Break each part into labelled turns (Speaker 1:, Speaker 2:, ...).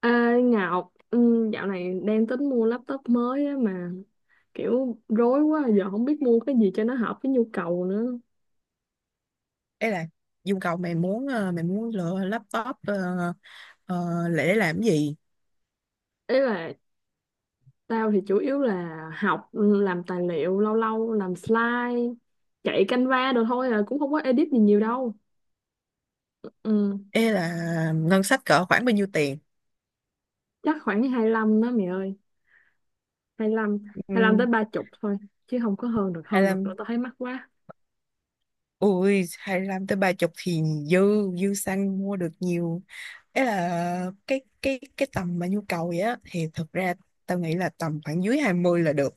Speaker 1: À, Ngọc, dạo này đang tính mua laptop mới á mà kiểu rối quá giờ không biết mua cái gì cho nó hợp với nhu cầu nữa.
Speaker 2: Đấy là Dung cầu mày muốn lựa laptop ờ, để làm cái gì?
Speaker 1: Ý là tao thì chủ yếu là học, làm tài liệu lâu lâu làm slide, chạy Canva đồ thôi à cũng không có edit gì nhiều đâu. Ừ,
Speaker 2: Ê là ngân sách cỡ khoảng bao nhiêu tiền?
Speaker 1: chắc khoảng hai lăm đó mày ơi, hai lăm hai lăm tới
Speaker 2: Uhm,
Speaker 1: ba chục thôi chứ không có hơn được nữa
Speaker 2: 25.
Speaker 1: tao thấy mắc quá.
Speaker 2: Ui, 25 tới 30 thì dư dư xăng mua được nhiều. Ấy là cái tầm mà nhu cầu vậy á, thì thực ra tao nghĩ là tầm khoảng dưới 20 là được.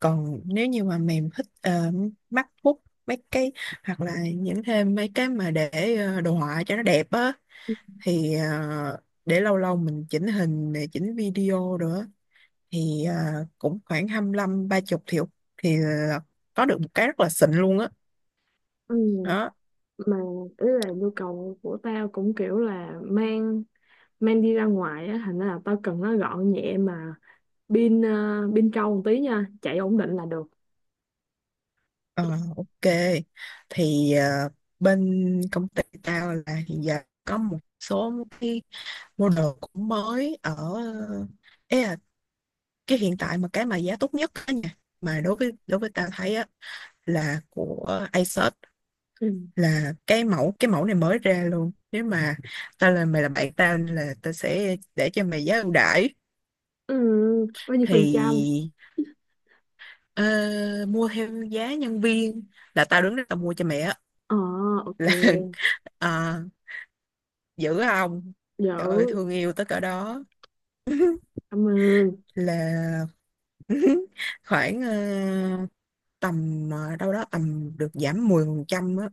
Speaker 2: Còn nếu như mà mày thích MacBook mấy cái, hoặc là những thêm mấy cái mà để đồ họa cho nó đẹp á, thì để lâu lâu mình chỉnh hình này chỉnh video nữa, thì cũng khoảng 25 30 triệu thì có được một cái rất là xịn luôn á.
Speaker 1: Ừ,
Speaker 2: Đó.
Speaker 1: mà ý là nhu cầu của tao cũng kiểu là mang mang đi ra ngoài á, thành ra là tao cần nó gọn nhẹ mà pin ờ, pin trâu một tí nha, chạy ổn định là được.
Speaker 2: Ờ, ok, thì bên công ty tao là hiện giờ có một số cái model cũng mới ở... Ê cái hiện tại mà cái mà giá tốt nhất á nha, mà đối với tao thấy á là của Asos,
Speaker 1: Ừ.
Speaker 2: là cái mẫu này mới ra luôn. Nếu mà tao là mày, là bạn tao nên là tao sẽ để cho mày giá ưu đãi
Speaker 1: Ừ, bao nhiêu phần trăm?
Speaker 2: thì ờ, mua theo giá nhân viên, là tao đứng đó tao mua cho mẹ á.
Speaker 1: Ờ, ok.
Speaker 2: Là ờ, giữ không?
Speaker 1: Dữ.
Speaker 2: Trời ơi, thương yêu tới cỡ đó.
Speaker 1: Cảm ơn.
Speaker 2: Là khoảng tầm đâu đó tầm được giảm 10% á.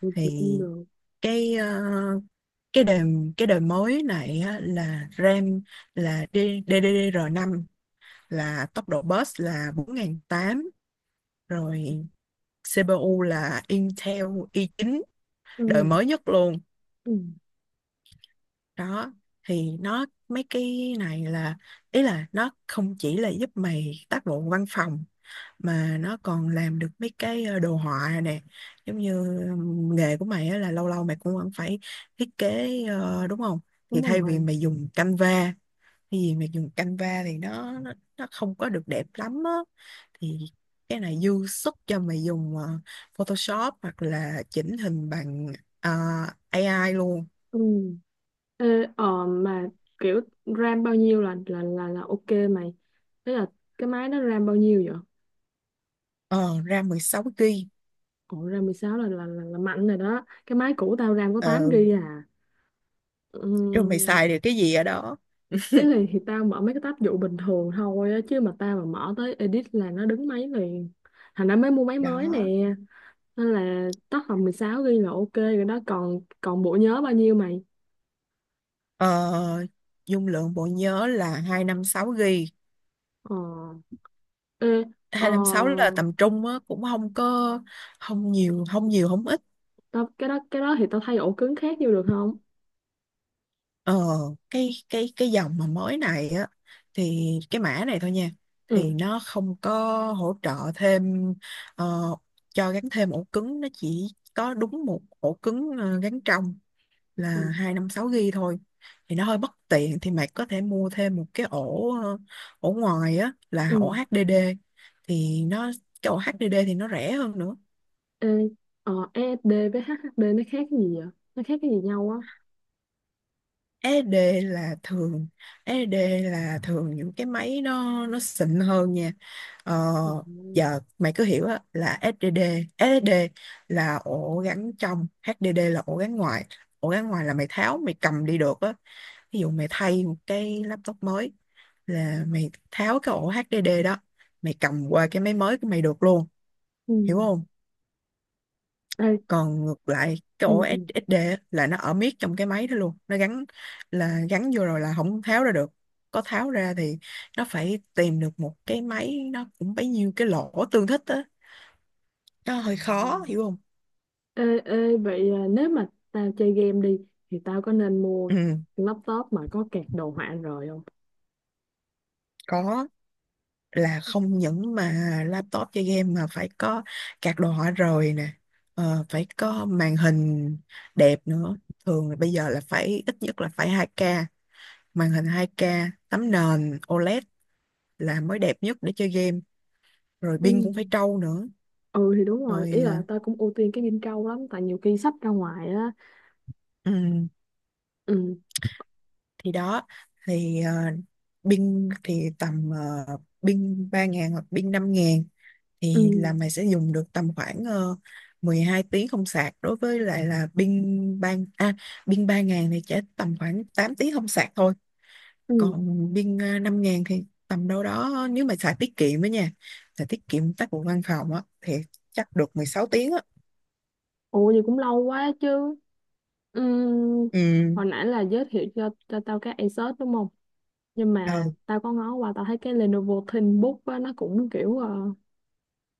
Speaker 1: Ừ, thì
Speaker 2: Thì
Speaker 1: cũng được.
Speaker 2: cái ờ, cái đời cái đời mới này á, là RAM là ddr năm, là tốc độ bus là 4.800, rồi CPU là Intel i9
Speaker 1: Ừ.
Speaker 2: đời mới nhất luôn.
Speaker 1: Ừ.
Speaker 2: Đó, thì nó mấy cái này là, ý là nó không chỉ là giúp mày tác vụ văn phòng, mà nó còn làm được mấy cái đồ họa nè, giống như nghề của mày á, là lâu lâu mày cũng vẫn phải thiết kế, đúng không?
Speaker 1: Đúng
Speaker 2: Thì thay vì
Speaker 1: rồi.
Speaker 2: mày dùng Canva, cái gì mà dùng Canva thì nó không có được đẹp lắm á, thì cái này dư sức cho mày dùng Photoshop hoặc là chỉnh hình bằng ờ, AI luôn.
Speaker 1: Ừ. Ê, mà kiểu RAM bao nhiêu là ok mày, thế là cái máy đó RAM bao nhiêu vậy?
Speaker 2: Ờ Ra 16 GB.
Speaker 1: Ủa, RAM 16 là mạnh rồi đó, cái máy cũ tao RAM có 8
Speaker 2: ờ,
Speaker 1: GB à.
Speaker 2: Rồi mày
Speaker 1: Ừ.
Speaker 2: xài được cái gì ở đó?
Speaker 1: Ý là thì tao mở mấy cái tab vụ bình thường thôi á, chứ mà tao mà mở tới edit là nó đứng máy liền. Thành ra mới mua máy mới nè.
Speaker 2: Đó,
Speaker 1: Nên là tác phẩm 16 ghi là ok rồi đó, còn còn bộ nhớ bao nhiêu mày?
Speaker 2: ờ, dung lượng bộ nhớ là 256 GB.
Speaker 1: Ờ. Ê, ờ,
Speaker 2: 256 là tầm trung á, cũng không có, không nhiều không ít.
Speaker 1: tao cái đó thì tao thay ổ cứng khác vô được không?
Speaker 2: Ờ, cái dòng mà mới này á, thì cái mã này thôi nha,
Speaker 1: Ừ.
Speaker 2: thì nó không có hỗ trợ thêm, ờ, cho gắn thêm ổ cứng, nó chỉ có đúng một ổ cứng gắn trong,
Speaker 1: Ừ.
Speaker 2: là 256 GB thôi, thì nó hơi bất tiện, thì mày có thể mua thêm một cái ổ ngoài á, là ổ
Speaker 1: Ừ.
Speaker 2: HDD, thì nó cái ổ HDD thì nó rẻ hơn nữa.
Speaker 1: Ê, SSD với HDD nó khác cái gì vậy? Nó khác cái gì nhau á?
Speaker 2: SD là thường SD là thường những cái máy nó xịn hơn nha. Ờ,
Speaker 1: Ừ.
Speaker 2: giờ mày cứ hiểu á, là SSD là ổ gắn trong, HDD là ổ gắn ngoài. Ổ gắn ngoài là mày tháo mày cầm đi được á, ví dụ mày thay một cái laptop mới, là mày tháo cái ổ HDD đó, mày cầm qua cái máy mới của mày được luôn,
Speaker 1: Ừ.
Speaker 2: hiểu không?
Speaker 1: Ê.
Speaker 2: Còn ngược lại cái ổ
Speaker 1: Ừ.
Speaker 2: SSD á, là nó ở miết trong cái máy đó luôn, nó gắn là gắn vô rồi là không tháo ra được, có tháo ra thì nó phải tìm được một cái máy nó cũng bấy nhiêu cái lỗ tương thích á, nó hơi khó,
Speaker 1: Ừ.
Speaker 2: hiểu không?
Speaker 1: Ê, vậy à, nếu mà tao chơi game đi thì tao có nên mua
Speaker 2: Ừ,
Speaker 1: laptop mà có card đồ họa rồi không?
Speaker 2: có. Là không những mà laptop chơi game mà phải có card đồ họa rồi nè, phải có màn hình đẹp nữa, thường là bây giờ là phải ít nhất là phải 2K, màn hình 2K, tấm nền OLED là mới đẹp nhất để chơi game, rồi
Speaker 1: Ừ.
Speaker 2: pin cũng phải trâu nữa.
Speaker 1: Ừ thì đúng rồi, ý
Speaker 2: Rồi. Ờ,
Speaker 1: là tao cũng ưu tiên cái game trâu lắm tại nhiều khi sách ra ngoài á.
Speaker 2: ừ,
Speaker 1: Ừ,
Speaker 2: thì đó, thì pin thì tầm, uh, pin 3.000 hoặc pin 5.000, thì là
Speaker 1: ừ,
Speaker 2: mày sẽ dùng được tầm khoảng, 12 tiếng không sạc. Đối với lại là pin 3.000 thì chỉ tầm khoảng 8 tiếng không sạc thôi,
Speaker 1: ừ.
Speaker 2: còn pin 5.000 thì tầm đâu đó, nếu mà xài tiết kiệm đó nha, xài tiết kiệm tác vụ văn phòng á thì chắc được 16 tiếng á.
Speaker 1: Ủa vậy cũng lâu quá chứ. Ừ,
Speaker 2: Ừ.
Speaker 1: hồi nãy là giới thiệu cho tao cái Asus đúng không? Nhưng
Speaker 2: Ờ.
Speaker 1: mà tao có ngó qua tao thấy cái Lenovo ThinkBook á nó cũng kiểu, ờ,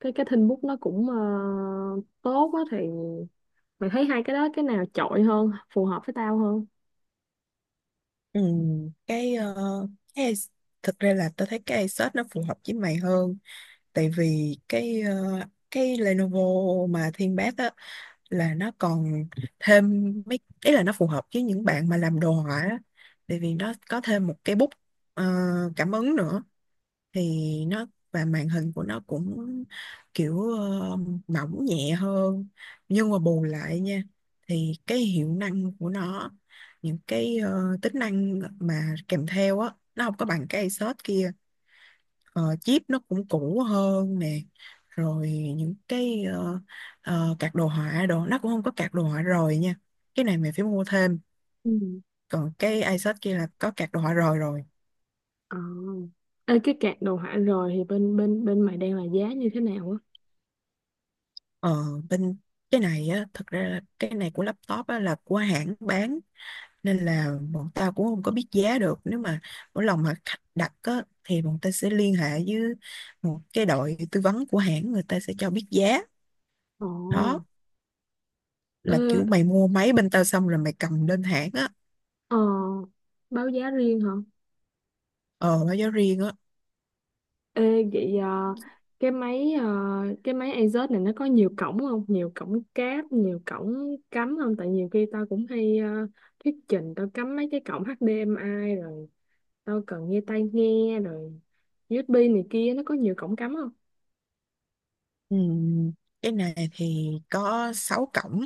Speaker 1: cái cái ThinkBook nó cũng tốt á, thì mày thấy hai cái đó cái nào chọi hơn, phù hợp với tao hơn?
Speaker 2: Ừ, cái ờ, cái ai- thực ra là tao thấy cái Asus nó phù hợp với mày hơn, tại vì cái Lenovo mà Thiên Bác á, là nó còn thêm mấy, ý là nó phù hợp với những bạn mà làm đồ họa á, tại vì nó có thêm một cái bút ờ, cảm ứng nữa, thì nó và màn hình của nó cũng kiểu mỏng nhẹ hơn, nhưng mà bù lại nha, thì cái hiệu năng của nó, những cái tính năng mà kèm theo á, nó không có bằng cái Asus kia. Ờ, chip nó cũng cũ hơn nè, rồi những cái card đồ họa đồ nó cũng không có card đồ họa rồi nha, cái này mình phải mua thêm,
Speaker 1: Ừ.
Speaker 2: còn cái Asus kia là có card đồ họa rồi rồi.
Speaker 1: Ờ. Ê, cái cạc đồ họa rồi thì bên bên bên mày đang là giá như thế nào á?
Speaker 2: Ờ, bên cái này á, thật ra là cái này của laptop á, là của hãng bán, nên là bọn tao cũng không có biết giá được. Nếu mà mỗi lần mà khách đặt á, thì bọn ta sẽ liên hệ với một cái đội tư vấn của hãng, người ta sẽ cho biết giá.
Speaker 1: Ồ.
Speaker 2: Đó
Speaker 1: Ê,
Speaker 2: là kiểu mày mua máy bên tao xong rồi mày cầm lên hãng á.
Speaker 1: ờ, báo giá riêng hả?
Speaker 2: Ờ, báo giá riêng á.
Speaker 1: Ê, vậy, cái máy ờ, cái máy Asus này nó có nhiều cổng không? Nhiều cổng cáp, nhiều cổng cắm không? Tại nhiều khi tao cũng hay thuyết trình, tao cắm mấy cái cổng HDMI rồi, tao cần nghe tai nghe rồi, USB này kia, nó có nhiều cổng cắm không?
Speaker 2: Ừ, cái này thì có 6 cổng,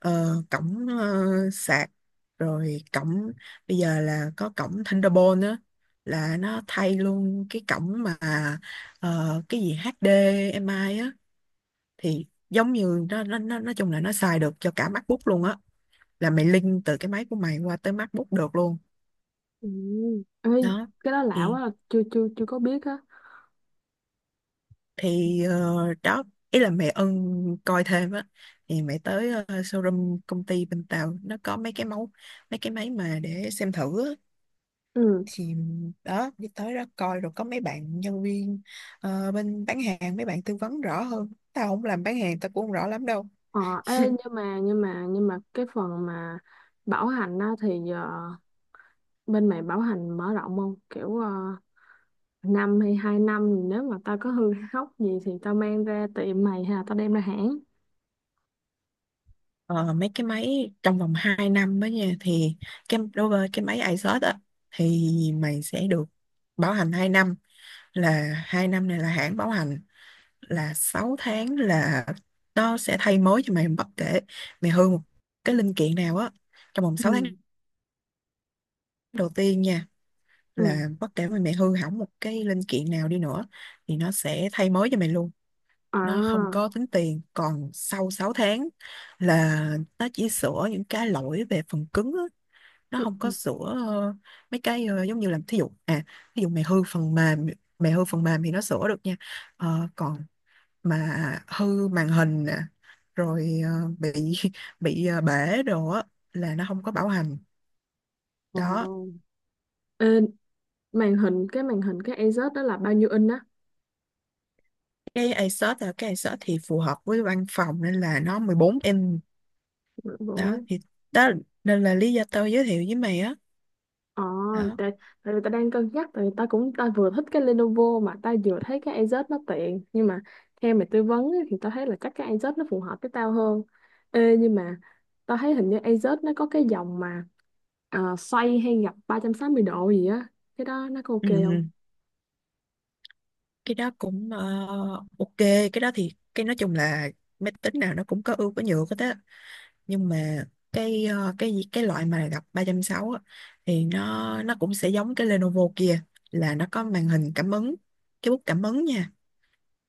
Speaker 2: ờ, cổng ờ, sạc, rồi cổng, bây giờ là có cổng Thunderbolt nữa, là nó thay luôn cái cổng mà cái gì HDMI á, thì giống như nó nói chung là nó xài được cho cả MacBook luôn á, là mày link từ cái máy của mày qua tới MacBook được luôn.
Speaker 1: Ừ. Ê,
Speaker 2: Đó,
Speaker 1: cái đó lạ quá à. Chưa chưa chưa có biết á.
Speaker 2: thì đó, ý là mẹ Ân coi thêm á, thì mẹ tới showroom công ty, bên Tàu nó có mấy cái máy mà để xem thử á,
Speaker 1: Ừ.
Speaker 2: thì đó, đi tới đó coi rồi có mấy bạn nhân viên bên bán hàng, mấy bạn tư vấn rõ hơn, tao không làm bán hàng tao cũng không rõ lắm đâu.
Speaker 1: Ờ. Ê, nhưng mà cái phần mà bảo hành á thì, bên mày bảo hành mở rộng không? Kiểu, năm hay hai năm, nếu mà tao có hư hóc gì thì tao mang ra tiệm mày hay là tao đem ra hãng?
Speaker 2: Ờ, mấy cái máy trong vòng 2 năm đó nha, thì cái đối với cái máy iSort á, thì mày sẽ được bảo hành 2 năm, là 2 năm này là hãng bảo hành, là 6 tháng là nó sẽ thay mới cho mày bất kể mày hư một cái linh kiện nào á, trong vòng
Speaker 1: Ừ.
Speaker 2: 6 tháng đầu tiên nha,
Speaker 1: Ừ.
Speaker 2: là bất kể mà mày hư hỏng một cái linh kiện nào đi nữa thì nó sẽ thay mới cho mày luôn, nó không
Speaker 1: À.
Speaker 2: có tính tiền. Còn sau 6 tháng là nó chỉ sửa những cái lỗi về phần cứng á, nó
Speaker 1: Ừ.
Speaker 2: không có
Speaker 1: Ừ.
Speaker 2: sửa mấy cái giống như là, thí dụ mày hư phần mềm thì nó sửa được nha. Ờ, còn mà hư màn hình nè, rồi bị bị bể đồ á là nó không có bảo hành.
Speaker 1: Ồ.
Speaker 2: Đó.
Speaker 1: Ê, màn hình cái Asus đó là bao nhiêu inch á?
Speaker 2: Cái Asus thì phù hợp với văn phòng nên là nó 14 inch. Đó,
Speaker 1: Bộ-
Speaker 2: thì đó, nên là lý do tôi giới thiệu với mày á.
Speaker 1: Ờ,
Speaker 2: Đó.
Speaker 1: tại, tại vì ta đang cân nhắc, tại vì ta vừa thích cái Lenovo mà ta vừa thấy cái Asus nó tiện, nhưng mà theo mày tư vấn ấy, thì ta thấy là chắc cái Asus nó phù hợp với tao hơn. Ê, nhưng mà ta thấy hình như Asus nó có cái dòng mà xoay hay gập 360 độ gì á, cái đó nó có ok
Speaker 2: Ừ.
Speaker 1: không?
Speaker 2: Ừ. Cái đó cũng ok. Cái đó thì cái nói chung là máy tính nào nó cũng có ưu có nhược hết á, nhưng mà cái loại mà gặp 360 á, thì nó cũng sẽ giống cái Lenovo kia, là nó có màn hình cảm ứng, cái bút cảm ứng nha,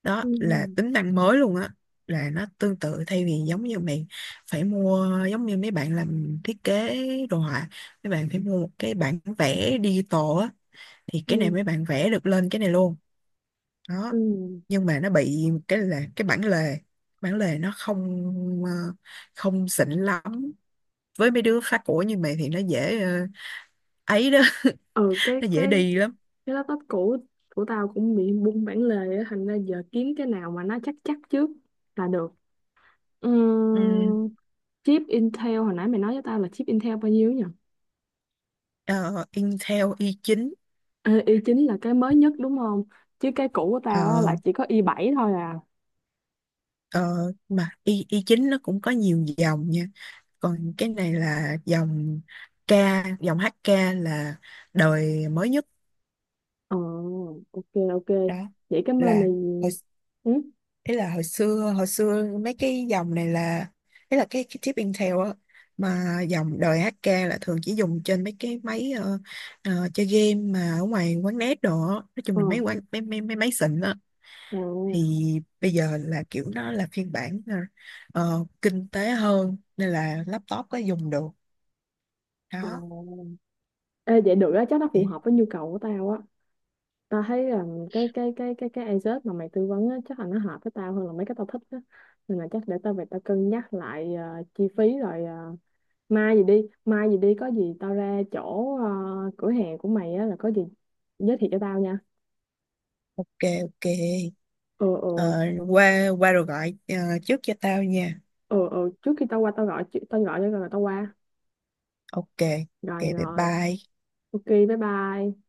Speaker 2: đó
Speaker 1: Ừ.
Speaker 2: là tính năng mới luôn á, là nó tương tự, thay vì giống như mày phải mua, giống như mấy bạn làm thiết kế đồ họa, mấy bạn phải mua một cái bản vẽ digital á, thì cái này
Speaker 1: Ừ.
Speaker 2: mấy bạn vẽ được lên cái này luôn. Đó,
Speaker 1: Ừ.
Speaker 2: nhưng mà nó bị một cái là cái bản lề, bản lề nó không ờ, không xịn lắm, với mấy đứa phá của như mày thì nó dễ ấy đó,
Speaker 1: Ừ cái
Speaker 2: nó dễ
Speaker 1: cái
Speaker 2: đi lắm.
Speaker 1: cái laptop cũ của tao cũng bị bung bản lề á, thành ra giờ kiếm cái nào mà nó chắc chắc trước là được. Ừ.
Speaker 2: Ừm,
Speaker 1: Chip Intel hồi nãy mày nói với tao là chip Intel bao nhiêu nhỉ?
Speaker 2: ờ, Intel i9.
Speaker 1: Ê, i9 là cái mới nhất đúng không? Chứ cái cũ của
Speaker 2: ờ,
Speaker 1: tao á là chỉ có i7 thôi à.
Speaker 2: ờ, mà i9 nó cũng có nhiều dòng nha, còn cái này là dòng K, dòng HK là đời mới nhất.
Speaker 1: Ờ, ok, ok.
Speaker 2: Đó
Speaker 1: Vậy cảm ơn
Speaker 2: là
Speaker 1: mày.
Speaker 2: hồi,
Speaker 1: Ừ?
Speaker 2: ý là hồi xưa mấy cái dòng này là, ý là cái chip Intel á, mà dòng đời HK là thường chỉ dùng trên mấy cái máy chơi game mà ở ngoài quán net đồ á. Nói chung
Speaker 1: Ờ,
Speaker 2: là mấy quán, mấy mấy, mấy máy xịn á,
Speaker 1: à,
Speaker 2: thì bây giờ là kiểu nó là phiên bản kinh tế hơn, nên là laptop có dùng được.
Speaker 1: ờ.
Speaker 2: Đó.
Speaker 1: Ê, vậy được á, chắc nó phù
Speaker 2: Thì
Speaker 1: hợp với nhu cầu của tao á. Tao thấy là cái Asus mà mày tư vấn á, chắc là nó hợp với tao hơn là mấy cái tao thích á. Nên là chắc để tao về tao cân nhắc lại chi phí, rồi mai gì đi có gì tao ra chỗ cửa hàng của mày á, là có gì giới thiệu cho tao nha.
Speaker 2: ok, ok.
Speaker 1: Ờ, ờ,
Speaker 2: Ờ, qua qua rồi gọi trước cho tao nha.
Speaker 1: ờ, ờ, trước khi tao qua tao tao gọi cho rồi tao qua.
Speaker 2: Ok, ok,
Speaker 1: Rồi,
Speaker 2: bye
Speaker 1: rồi,
Speaker 2: bye.
Speaker 1: ok, bye bye.